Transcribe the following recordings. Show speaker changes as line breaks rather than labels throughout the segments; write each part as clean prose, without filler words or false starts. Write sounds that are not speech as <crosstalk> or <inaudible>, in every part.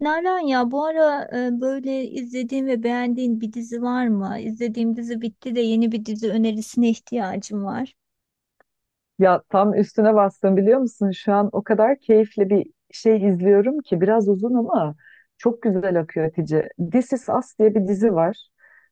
Nalan ya bu ara böyle izlediğin ve beğendiğin bir dizi var mı? İzlediğim dizi bitti de yeni bir dizi önerisine ihtiyacım var.
Ya tam üstüne bastım biliyor musun? Şu an o kadar keyifli bir şey izliyorum ki biraz uzun ama çok güzel akıyor Hatice. This Is Us diye bir dizi var.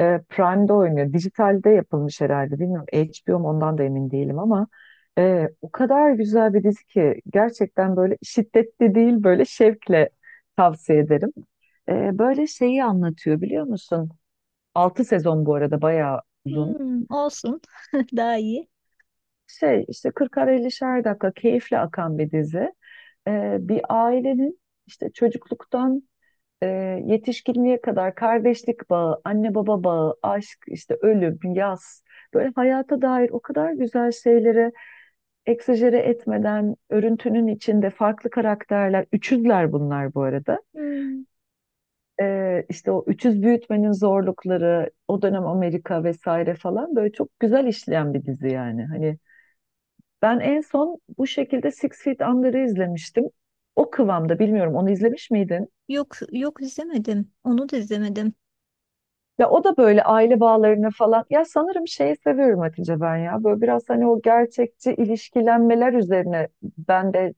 Prime'de oynuyor. Dijitalde yapılmış herhalde. Bilmiyorum HBO mu, ondan da emin değilim ama o kadar güzel bir dizi ki, gerçekten böyle şiddetli değil, böyle şevkle tavsiye ederim. Böyle şeyi anlatıyor biliyor musun? 6 sezon, bu arada bayağı uzun
Hmm, olsun. <laughs> Daha iyi.
şey işte, 40'ar 50'şer dakika keyifle akan bir dizi. Bir ailenin işte çocukluktan e, yetişkinliğe kadar kardeşlik bağı, anne baba bağı, aşk, işte ölüm, yaz, böyle hayata dair o kadar güzel şeyleri egzajere etmeden örüntünün içinde farklı karakterler, üçüzler bunlar bu arada.
Hmm,
İşte o üçüz büyütmenin zorlukları, o dönem Amerika vesaire falan, böyle çok güzel işleyen bir dizi yani. Hani ben en son bu şekilde Six Feet Under'ı izlemiştim. O kıvamda, bilmiyorum onu izlemiş miydin?
Yok izlemedim. Onu da izlemedim.
Ya o da böyle aile bağlarını falan. Ya sanırım şeyi seviyorum Hatice ben ya. Böyle biraz hani o gerçekçi ilişkilenmeler üzerine ben de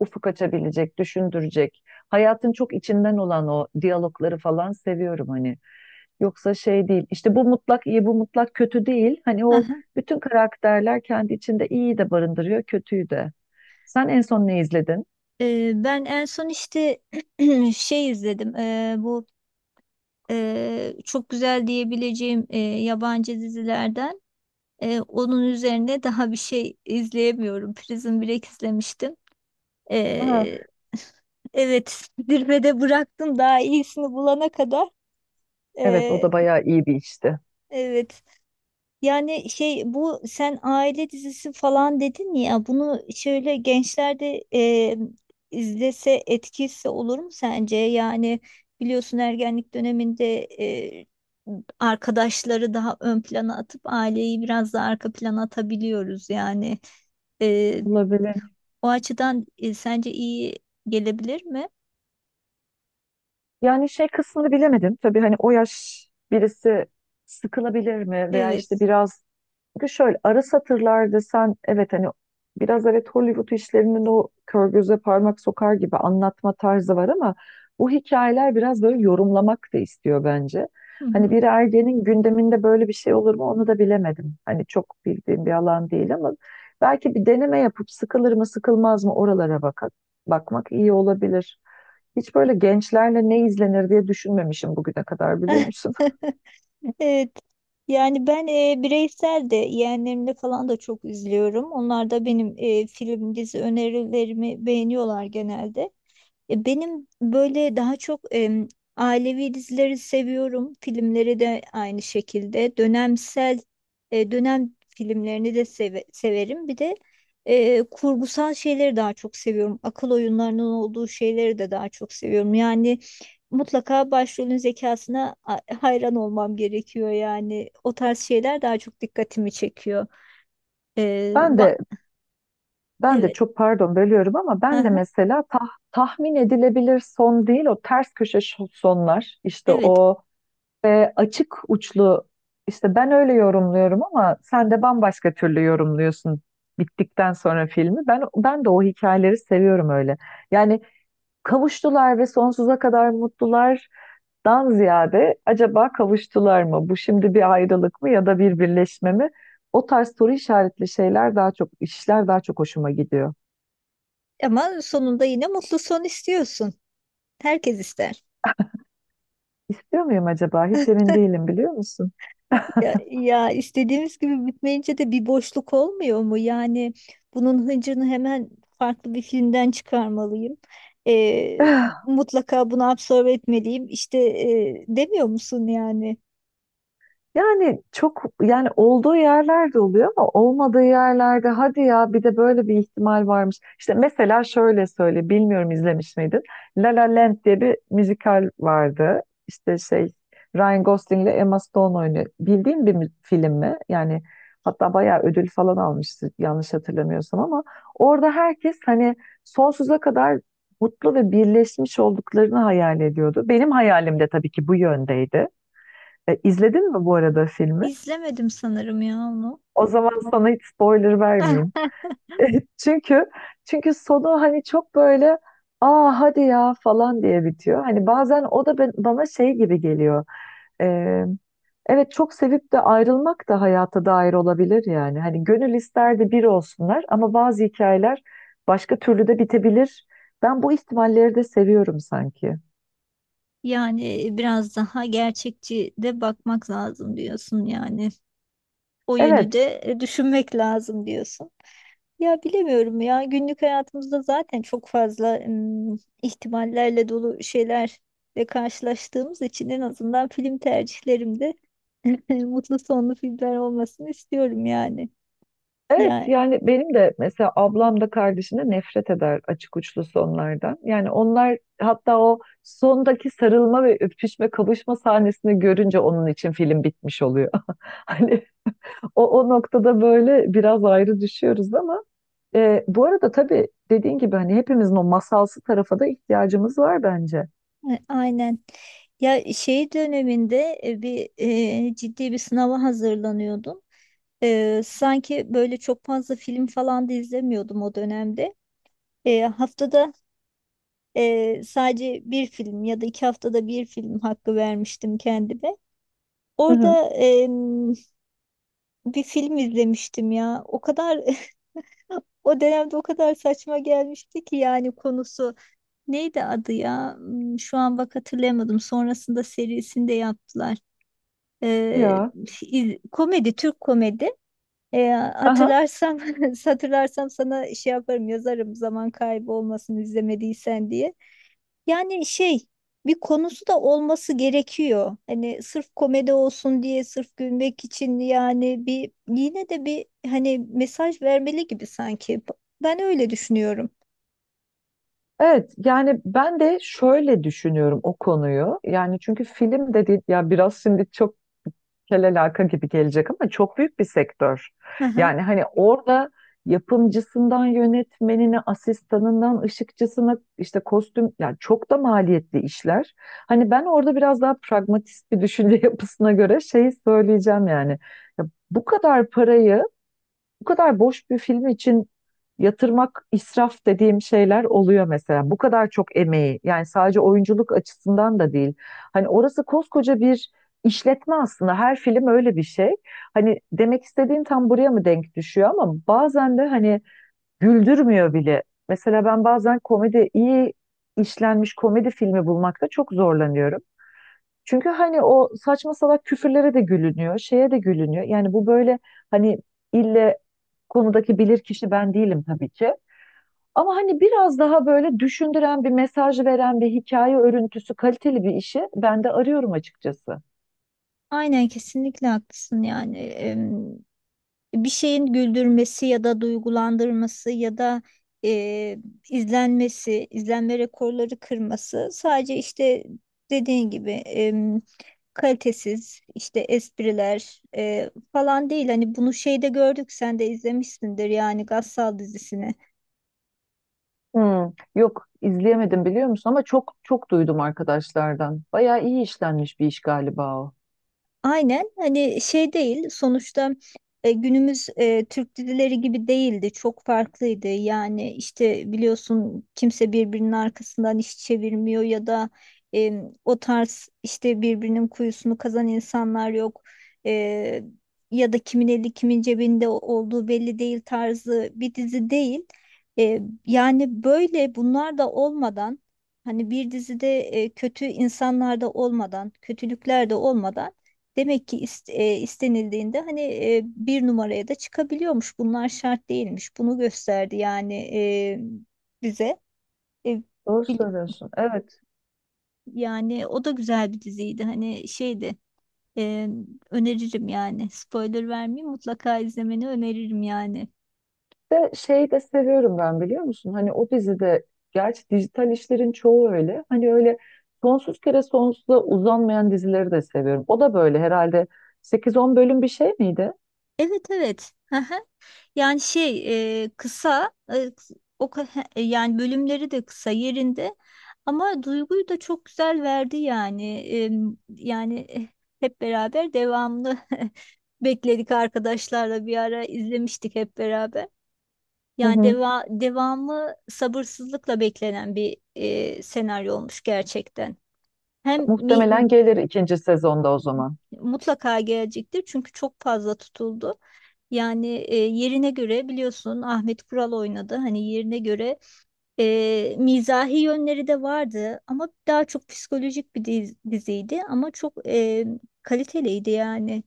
ufuk açabilecek, düşündürecek. Hayatın çok içinden olan o diyalogları falan seviyorum hani. Yoksa şey değil. İşte bu mutlak iyi, bu mutlak kötü değil. Hani
<laughs>
o
Aha.
bütün karakterler kendi içinde iyiyi de barındırıyor, kötüyü de. Sen en son ne izledin?
Ben en son işte <clears throat> şey izledim. Bu çok güzel diyebileceğim yabancı dizilerden. Onun üzerine daha bir şey izleyemiyorum. Prison Break izlemiştim.
Aa.
Ee, <laughs> evet, zirvede bıraktım daha iyisini bulana kadar.
Evet o
Ee,
da bayağı iyi bir işti.
evet. Yani şey bu sen aile dizisi falan dedin ya bunu şöyle gençlerde izlese etkisi olur mu sence? Yani biliyorsun ergenlik döneminde arkadaşları daha ön plana atıp aileyi biraz daha arka plana atabiliyoruz yani. Ee,
Olabilir.
o açıdan sence iyi gelebilir mi?
Yani şey kısmını bilemedim. Tabii hani o yaş birisi sıkılabilir mi veya işte
Evet.
biraz. Çünkü şöyle ara satırlar desen, evet hani biraz evet Hollywood işlerinin o kör göze parmak sokar gibi anlatma tarzı var ama bu hikayeler biraz böyle yorumlamak da istiyor bence.
Hı
Hani
hı.
bir ergenin gündeminde böyle bir şey olur mu onu da bilemedim. Hani çok bildiğim bir alan değil ama belki bir deneme yapıp sıkılır mı sıkılmaz mı oralara bakmak iyi olabilir. Hiç böyle gençlerle ne izlenir diye düşünmemişim bugüne kadar biliyor
<laughs>
musun?
Evet. Yani ben bireysel de yeğenlerimle falan da çok üzülüyorum. Onlar da benim film, dizi önerilerimi beğeniyorlar genelde. Ya benim böyle daha çok ailevi dizileri seviyorum. Filmleri de aynı şekilde. Dönemsel dönem filmlerini de severim. Bir de kurgusal şeyleri daha çok seviyorum. Akıl oyunlarının olduğu şeyleri de daha çok seviyorum. Yani mutlaka başrolün zekasına hayran olmam gerekiyor. Yani o tarz şeyler daha çok dikkatimi çekiyor. E,
Ben
va-
de Ben de
evet.
çok pardon bölüyorum ama ben de
Aha,
mesela tahmin edilebilir son değil, o ters köşe sonlar, işte
evet.
o açık uçlu, işte ben öyle yorumluyorum ama sen de bambaşka türlü yorumluyorsun bittikten sonra filmi. Ben de o hikayeleri seviyorum öyle. Yani kavuştular ve sonsuza kadar mutlulardan ziyade acaba kavuştular mı? Bu şimdi bir ayrılık mı ya da bir birleşme mi? O tarz soru işaretli şeyler daha çok işler, daha çok hoşuma gidiyor.
Ama sonunda yine mutlu son istiyorsun. Herkes ister.
İstiyor muyum acaba? Hiç emin değilim biliyor musun?
Ya, istediğimiz gibi bitmeyince de bir boşluk olmuyor mu? Yani bunun hıncını hemen farklı bir filmden çıkarmalıyım. Ee, mutlaka bunu absorbe etmeliyim. İşte demiyor musun yani?
Yani çok yani olduğu yerlerde oluyor ama olmadığı yerlerde hadi ya bir de böyle bir ihtimal varmış. İşte mesela şöyle söyle, bilmiyorum izlemiş miydin? La La Land diye bir müzikal vardı. İşte şey, Ryan Gosling ile Emma Stone oynuyor. Bildiğin bir film mi? Yani hatta bayağı ödül falan almıştı yanlış hatırlamıyorsam ama orada herkes hani sonsuza kadar mutlu ve birleşmiş olduklarını hayal ediyordu. Benim hayalim de tabii ki bu yöndeydi. İzledin mi bu arada filmi?
İzlemedim sanırım ya onu.
O zaman sana hiç spoiler vermeyeyim.
<laughs>
<laughs> Çünkü çünkü sonu hani çok böyle, aa hadi ya falan diye bitiyor. Hani bazen o da bana şey gibi geliyor. E, evet, çok sevip de ayrılmak da hayata dair olabilir yani. Hani gönül isterdi bir olsunlar ama bazı hikayeler başka türlü de bitebilir. Ben bu ihtimalleri de seviyorum sanki.
Yani biraz daha gerçekçi de bakmak lazım diyorsun yani. O yönü
Evet.
de düşünmek lazım diyorsun. Ya bilemiyorum ya günlük hayatımızda zaten çok fazla ihtimallerle dolu şeylerle karşılaştığımız için en azından film tercihlerimde <laughs> mutlu sonlu filmler olmasını istiyorum yani.
Evet
Ya
yani benim de mesela ablam da kardeşim de nefret eder açık uçlu sonlardan. Yani onlar hatta o sondaki sarılma ve öpüşme, kavuşma sahnesini görünce onun için film bitmiş oluyor. <laughs> Hani o noktada böyle biraz ayrı düşüyoruz ama bu arada tabii dediğin gibi hani hepimizin o masalsı tarafa da ihtiyacımız var bence.
aynen. Ya şey döneminde ciddi bir sınava hazırlanıyordum. Sanki böyle çok fazla film falan da izlemiyordum o dönemde. E, haftada sadece bir film ya da iki haftada bir film hakkı vermiştim kendime.
Hı hı.
Orada bir film izlemiştim ya. O kadar <laughs> o dönemde o kadar saçma gelmişti ki yani konusu neydi adı ya? Hmm, şu an bak hatırlayamadım. Sonrasında serisini de yaptılar. Ee,
Ya.
komedi, Türk komedi.
Aha.
Hatırlarsam <laughs> hatırlarsam sana şey yaparım yazarım zaman kaybı olmasın izlemediysen diye. Yani şey bir konusu da olması gerekiyor. Hani sırf komedi olsun diye sırf gülmek için yani bir yine de bir hani mesaj vermeli gibi sanki. Ben öyle düşünüyorum.
Evet yani ben de şöyle düşünüyorum o konuyu. Yani çünkü film dedi ya, biraz şimdi çok kel alaka gibi gelecek ama çok büyük bir sektör.
Hı hı.
Yani hani orada yapımcısından yönetmenine, asistanından ışıkçısına, işte kostüm, yani çok da maliyetli işler. Hani ben orada biraz daha pragmatist bir düşünce <laughs> yapısına göre şeyi söyleyeceğim yani. Ya bu kadar parayı bu kadar boş bir film için yatırmak, israf dediğim şeyler oluyor mesela. Bu kadar çok emeği, yani sadece oyunculuk açısından da değil. Hani orası koskoca bir işletme aslında. Her film öyle bir şey. Hani demek istediğim tam buraya mı denk düşüyor ama bazen de hani güldürmüyor bile. Mesela ben bazen komedi, iyi işlenmiş komedi filmi bulmakta çok zorlanıyorum. Çünkü hani o saçma salak küfürlere de gülünüyor, şeye de gülünüyor. Yani bu böyle hani ille konudaki bilirkişi ben değilim tabii ki. Ama hani biraz daha böyle düşündüren, bir mesaj veren bir hikaye örüntüsü, kaliteli bir işi ben de arıyorum açıkçası.
Aynen kesinlikle haklısın yani. Bir şeyin güldürmesi ya da duygulandırması ya da e, izlenmesi, izlenme rekorları kırması sadece işte dediğin gibi kalitesiz işte espriler falan değil. Hani bunu şeyde gördük sen de izlemişsindir yani Gassal dizisini.
Hmm, yok izleyemedim biliyor musun ama çok çok duydum arkadaşlardan. Bayağı iyi işlenmiş bir iş galiba o.
Aynen hani şey değil sonuçta günümüz Türk dizileri gibi değildi çok farklıydı yani işte biliyorsun kimse birbirinin arkasından iş çevirmiyor ya da e, o tarz işte birbirinin kuyusunu kazan insanlar yok. E, Ya da kimin eli kimin cebinde olduğu belli değil tarzı bir dizi değil. E, Yani böyle bunlar da olmadan hani bir dizide kötü insanlar da olmadan kötülükler de olmadan demek ki istenildiğinde hani bir numaraya da çıkabiliyormuş. Bunlar şart değilmiş. Bunu gösterdi yani bize. E,
Doğru
bil-
söylüyorsun. Evet.
yani o da güzel bir diziydi. Hani şeydi. e, Öneririm yani. Spoiler vermeyeyim mutlaka izlemeni öneririm yani.
De şeyi de seviyorum ben biliyor musun? Hani o dizide, gerçi dijital işlerin çoğu öyle. Hani öyle sonsuz kere sonsuza uzanmayan dizileri de seviyorum. O da böyle herhalde sekiz on bölüm bir şey miydi?
Evet evet. <laughs> Yani şey e, kısa e, kıs- o ka- he, e, yani bölümleri de kısa yerinde ama duyguyu da çok güzel verdi yani. Yani eh, Hep beraber devamlı <laughs> bekledik arkadaşlarla bir ara izlemiştik hep beraber.
Hı
Yani
hı.
devamı sabırsızlıkla beklenen bir senaryo olmuş gerçekten. Hem mi,
Muhtemelen gelir ikinci sezonda o zaman.
mutlaka gelecektir çünkü çok fazla tutuldu. Yani yerine göre biliyorsun Ahmet Kural oynadı. Hani yerine göre mizahi yönleri de vardı ama daha çok psikolojik bir diziydi ama çok kaliteliydi yani.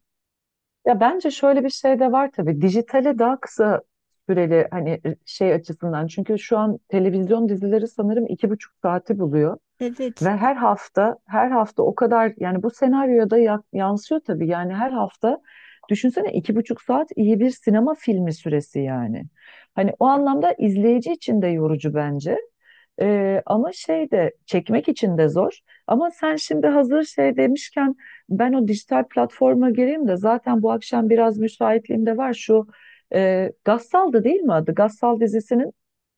Ya bence şöyle bir şey de var tabii. Dijitale daha kısa süreli hani şey açısından. Çünkü şu an televizyon dizileri sanırım 2,5 saati buluyor. Ve
Evet,
her hafta, her hafta o kadar, yani bu senaryoda yansıyor tabii. Yani her hafta düşünsene, 2,5 saat iyi bir sinema filmi süresi yani. Hani o anlamda izleyici için de yorucu bence. Ama şey de, çekmek için de zor. Ama sen şimdi hazır şey demişken ben o dijital platforma gireyim de zaten bu akşam biraz müsaitliğim de var. Şu Gassal'dı değil mi adı? Gassal dizisinin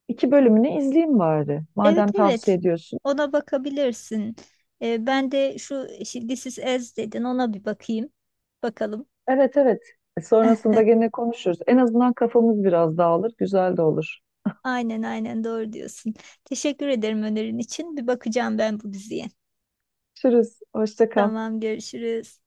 iki bölümünü izleyeyim bari.
evet,
Madem tavsiye
evet.
ediyorsun.
Ona bakabilirsin. Ben de şu This is Us dedin ona bir bakayım. Bakalım.
Evet, evet. Sonrasında gene konuşuruz. En azından kafamız biraz dağılır. Güzel de olur.
Aynen aynen doğru diyorsun. Teşekkür ederim önerin için. Bir bakacağım ben bu diziye.
Görüşürüz. Hoşça kal.
Tamam görüşürüz.